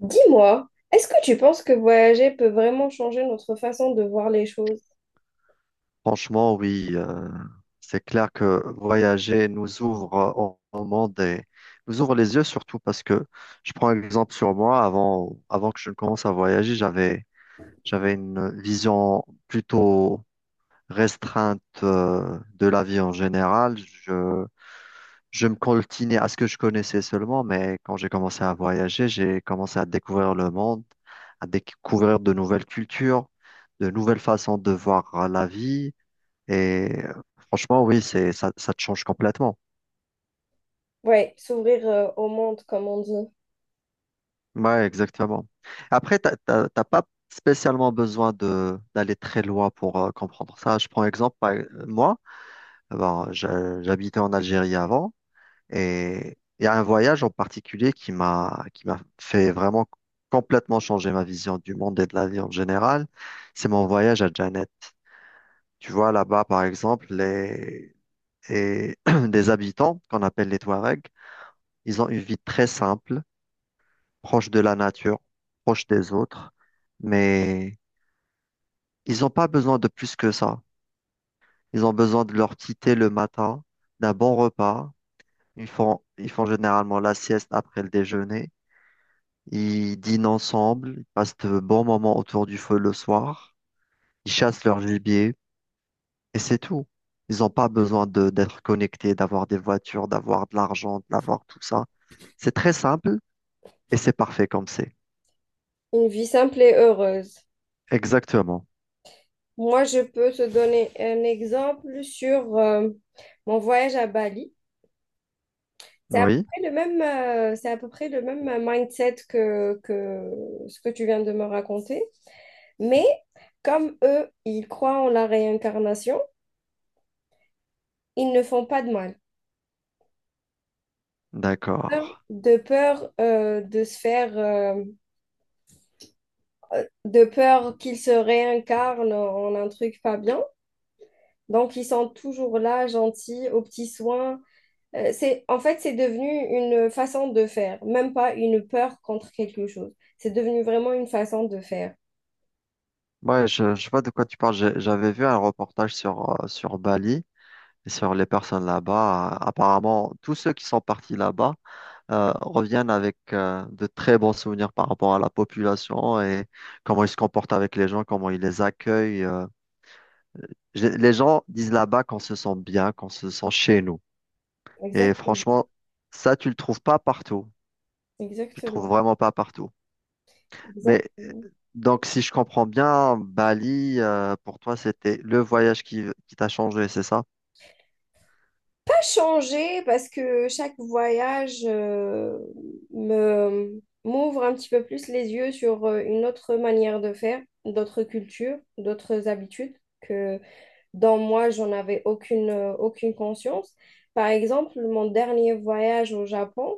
Dis-moi, est-ce que tu penses que voyager peut vraiment changer notre façon de voir les choses? Franchement, oui, c'est clair que voyager nous ouvre au monde et nous ouvre les yeux surtout parce que je prends un exemple sur moi. Avant que je ne commence à voyager, j'avais une vision plutôt restreinte de la vie en général. Je me coltinais à ce que je connaissais seulement, mais quand j'ai commencé à voyager, j'ai commencé à découvrir le monde, à découvrir de nouvelles cultures, de nouvelles façons de voir la vie. Et euh, Franchement, oui, c'est ça, ça te change complètement. Ouais, s'ouvrir au monde, comme on dit. Ouais, exactement. Après, t'as pas spécialement besoin de d'aller très loin pour comprendre ça. Je prends exemple, moi, bon, j'habitais en Algérie avant et il y a un voyage en particulier qui m'a fait vraiment complètement changer ma vision du monde et de la vie en général. C'est mon voyage à Janet. Tu vois, là-bas, par exemple, et des habitants qu'on appelle les Touaregs, ils ont une vie très simple, proche de la nature, proche des autres, mais ils n'ont pas besoin de plus que ça. Ils ont besoin de leur petit thé le matin, d'un bon repas. Ils font généralement la sieste après le déjeuner. Ils dînent ensemble, ils passent de bons moments autour du feu le soir. Ils chassent leur gibier et c'est tout. Ils n'ont pas besoin d'être connectés, d'avoir des voitures, d'avoir de l'argent, d'avoir tout ça. C'est très simple et c'est parfait comme c'est. Une vie simple et heureuse. Exactement. Moi, je peux te donner un exemple sur mon voyage à Bali. C'est à peu Oui, près le même, c'est à peu près le même mindset que ce que tu viens de me raconter. Mais comme eux, ils croient en la réincarnation, ils ne font pas de mal. d'accord. De peur de se faire, de peur qu'ils se réincarnent en un truc pas bien. Donc, ils sont toujours là, gentils, aux petits soins. C'est, en fait, c'est devenu une façon de faire, même pas une peur contre quelque chose. C'est devenu vraiment une façon de faire. Ouais, je vois de quoi tu parles. J'avais vu un reportage sur, sur Bali et sur les personnes là-bas. Apparemment, tous ceux qui sont partis là-bas reviennent avec de très bons souvenirs par rapport à la population et comment ils se comportent avec les gens, comment ils les accueillent. J'ai- Les gens disent là-bas qu'on se sent bien, qu'on se sent chez nous. Et Exactement. franchement, ça, tu le trouves pas partout. Tu le trouves Exactement. vraiment pas partout. Mais Exactement. donc, si je comprends bien, Bali, pour toi, c'était le voyage qui t'a changé, c'est ça? Changer parce que chaque voyage me m'ouvre un petit peu plus les yeux sur une autre manière de faire, d'autres cultures, d'autres habitudes que dans moi, j'en avais aucune, aucune conscience. Par exemple, mon dernier voyage au Japon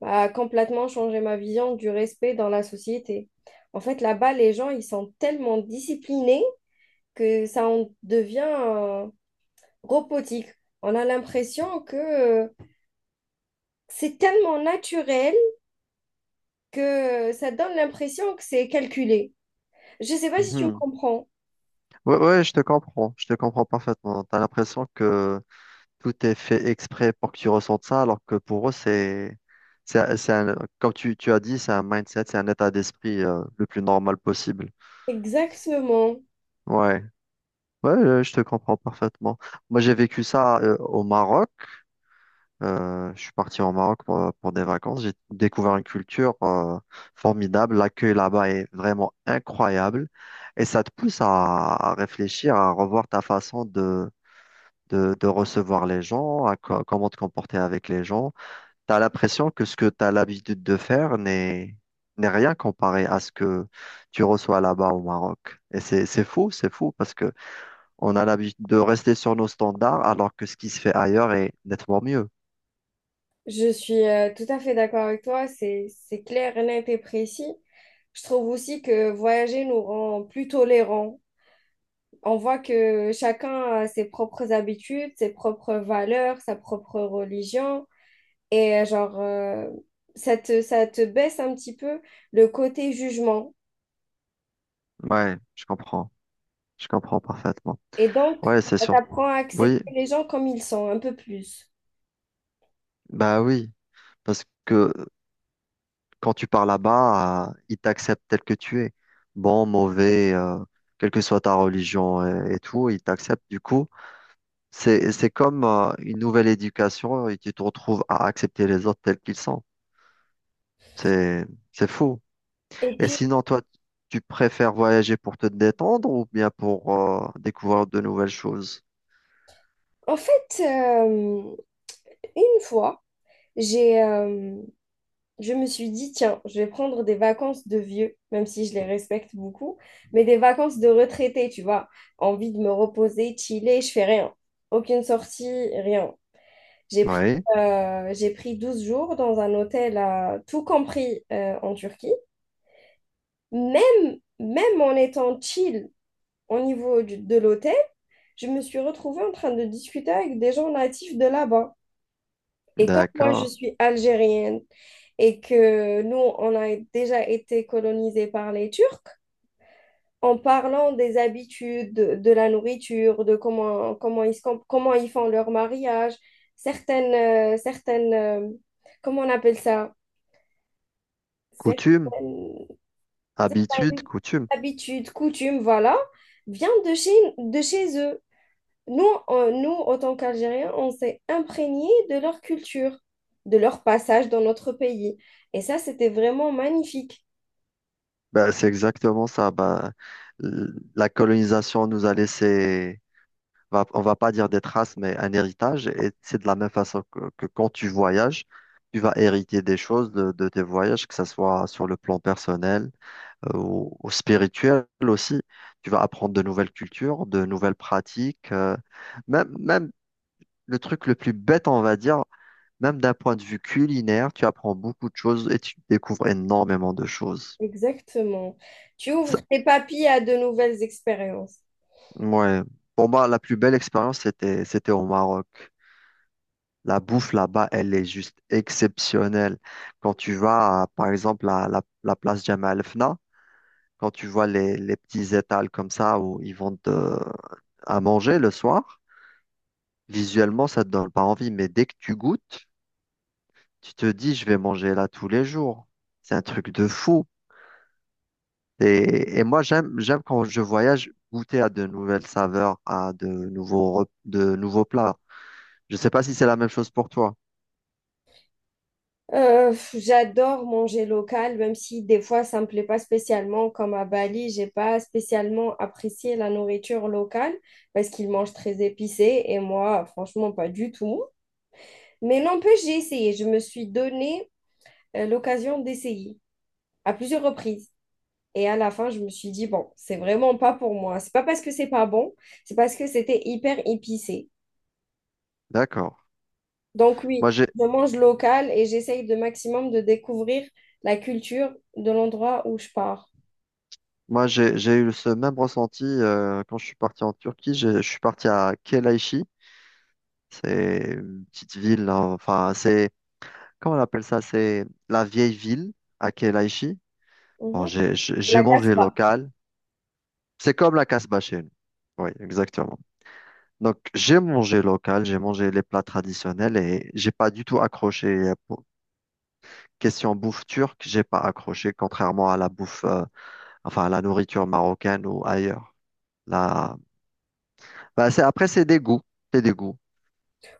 a complètement changé ma vision du respect dans la société. En fait, là-bas, les gens, ils sont tellement disciplinés que ça en devient robotique. On a l'impression que c'est tellement naturel que ça donne l'impression que c'est calculé. Je ne sais pas si tu me Mhm. comprends. Ouais, ouais, je te comprends parfaitement. T'as l'impression que tout est fait exprès pour que tu ressentes ça, alors que pour eux, c'est un- comme tu as dit, c'est un mindset, c'est un état d'esprit le plus normal possible. Exactement. Ouais, ouais, je te comprends parfaitement. Moi, j'ai vécu ça au Maroc. Je suis parti au Maroc pour des vacances. J'ai découvert une culture formidable. L'accueil là-bas est vraiment incroyable, et ça te pousse à réfléchir, à revoir ta façon de recevoir les gens, à co- comment te comporter avec les gens. Tu as l'impression que ce que tu as l'habitude de faire n'est rien comparé à ce que tu reçois là-bas au Maroc. Et c'est fou parce que on a l'habitude de rester sur nos standards alors que ce qui se fait ailleurs est nettement mieux. Je suis tout à fait d'accord avec toi. C'est clair, net et précis. Je trouve aussi que voyager nous rend plus tolérants. On voit que chacun a ses propres habitudes, ses propres valeurs, sa propre religion. Et genre, ça te baisse un petit peu le côté jugement. Ouais, je comprends. Je comprends parfaitement. Et donc, Ouais, c'est ça sûr. t'apprend à Oui, accepter les gens comme ils sont, un peu plus. bah oui. Parce que quand tu pars là-bas, ils t'acceptent tel que tu es. Bon, mauvais, quelle que soit ta religion et tout, ils t'acceptent. Du coup, c'est comme une nouvelle éducation et tu te retrouves à accepter les autres tels qu'ils sont. C'est, c'est fou. Et Et puis, sinon, toi, tu préfères voyager pour te détendre ou bien pour découvrir de nouvelles choses? en fait, une fois, j'ai je me suis dit, tiens, je vais prendre des vacances de vieux, même si je les respecte beaucoup, mais des vacances de retraité, tu vois. Envie de me reposer, chiller, je fais rien. Aucune sortie, rien. J'ai pris, Oui, j'ai pris 12 jours dans un hôtel, à, tout compris en Turquie. Même en étant chill au niveau de l'hôtel, je me suis retrouvée en train de discuter avec des gens natifs de là-bas. Et comme moi, je d'accord. suis algérienne, et que nous, on a déjà été colonisés par les Turcs, en parlant des habitudes, de la nourriture, de ils, comment ils font leur mariage, certaines, certaines comment on appelle ça? Coutume, Certaines habitude, coutume. habitudes, coutumes, voilà, viennent de chez eux. Nous, en tant qu'Algériens, on s'est imprégnés de leur culture, de leur passage dans notre pays. Et ça, c'était vraiment magnifique. Ben, c'est exactement ça. Ben, l- la colonisation nous a laissé va- on va pas dire des traces, mais un héritage. Et c'est de la même façon que quand tu voyages, tu vas hériter des choses de tes voyages, que ce soit sur le plan personnel, ou spirituel aussi. Tu vas apprendre de nouvelles cultures, de nouvelles pratiques. Même le truc le plus bête, on va dire, même d'un point de vue culinaire, tu apprends beaucoup de choses et tu découvres énormément de choses. Exactement. Tu ouvres Ça- tes papilles à de nouvelles expériences. ouais. Pour moi, la plus belle expérience, c'était au Maroc. La bouffe là-bas, elle est juste exceptionnelle. Quand tu vas, à, par exemple, à la place Jamal el Fna, quand tu vois les petits étals comme ça où ils vendent à manger le soir, visuellement, ça te donne pas envie. Mais dès que tu goûtes, tu te dis, je vais manger là tous les jours. C'est un truc de fou. Et moi, j'aime quand je voyage goûter à de nouvelles saveurs, à de nouveaux, rep- de nouveaux plats. Je sais pas si c'est la même chose pour toi. J'adore manger local, même si des fois ça me plaît pas spécialement. Comme à Bali, j'ai pas spécialement apprécié la nourriture locale parce qu'ils mangent très épicé et moi, franchement, pas du tout. Mais n'empêche, j'ai essayé. Je me suis donné l'occasion d'essayer à plusieurs reprises. Et à la fin, je me suis dit, bon, c'est vraiment pas pour moi. C'est pas parce que c'est pas bon, c'est parce que c'était hyper épicé. D'accord. Donc oui, Moi, j'ai, je mange local et j'essaye de maximum de découvrir la culture de l'endroit où je pars. moi, j'ai eu ce même ressenti quand je suis parti en Turquie. Je suis parti à Kelaychi. C'est une petite ville, hein, enfin, c'est, comment on appelle ça? C'est la vieille ville à Kelaychi. Bon, Mhm. J'ai La mangé Casbah. local. C'est comme la Casbah chez nous. Oui, exactement. Donc, j'ai mangé local, j'ai mangé les plats traditionnels et j'ai pas du tout accroché. Question bouffe turque, j'ai pas accroché, contrairement à la bouffe, enfin, à la nourriture marocaine ou ailleurs. Là, bah, après, c'est des goûts. C'est des goûts.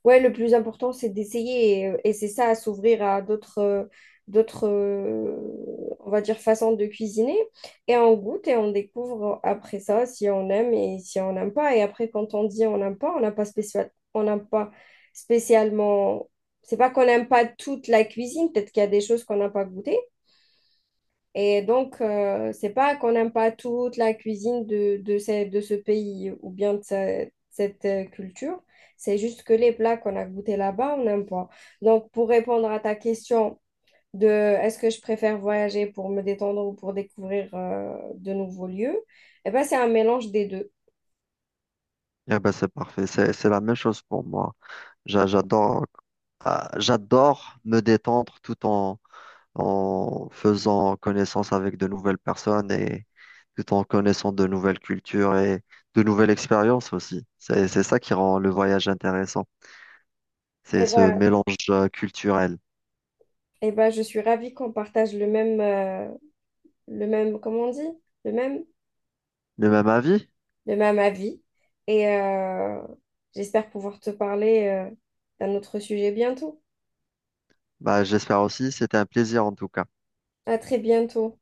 Ouais, le plus important, c'est d'essayer et, et c'est ça, à s'ouvrir à d'autres, d'autres, euh, on va dire, façons de cuisiner. Et on goûte et on découvre après ça si on aime et si on n'aime pas. Et après, quand on dit on n'aime pas, on n'a pas spécialement. C'est pas qu'on n'aime pas toute la cuisine, peut-être qu'il y a des choses qu'on n'a pas goûtées, et donc, c'est pas qu'on n'aime pas toute la cuisine de ce pays ou bien de cette culture. C'est juste que les plats qu'on a goûtés là-bas, on n'aime pas. Donc, pour répondre à ta question de est-ce que je préfère voyager pour me détendre ou pour découvrir de nouveaux lieux, eh ben, c'est un mélange des deux. Et ben, c'est parfait. C'est la même chose pour moi. J'adore, j'adore me détendre en faisant connaissance avec de nouvelles personnes et tout en connaissant de nouvelles cultures et de nouvelles expériences aussi. C'est ça qui rend le voyage intéressant. C'est Eh ce ben, mélange culturel. eh ben, je suis ravie qu'on partage le même, comment on dit? Le même. Le même avis? Le même avis. Et j'espère pouvoir te parler d'un autre sujet bientôt. Bah, j'espère aussi. C'était un plaisir en tout cas. À très bientôt.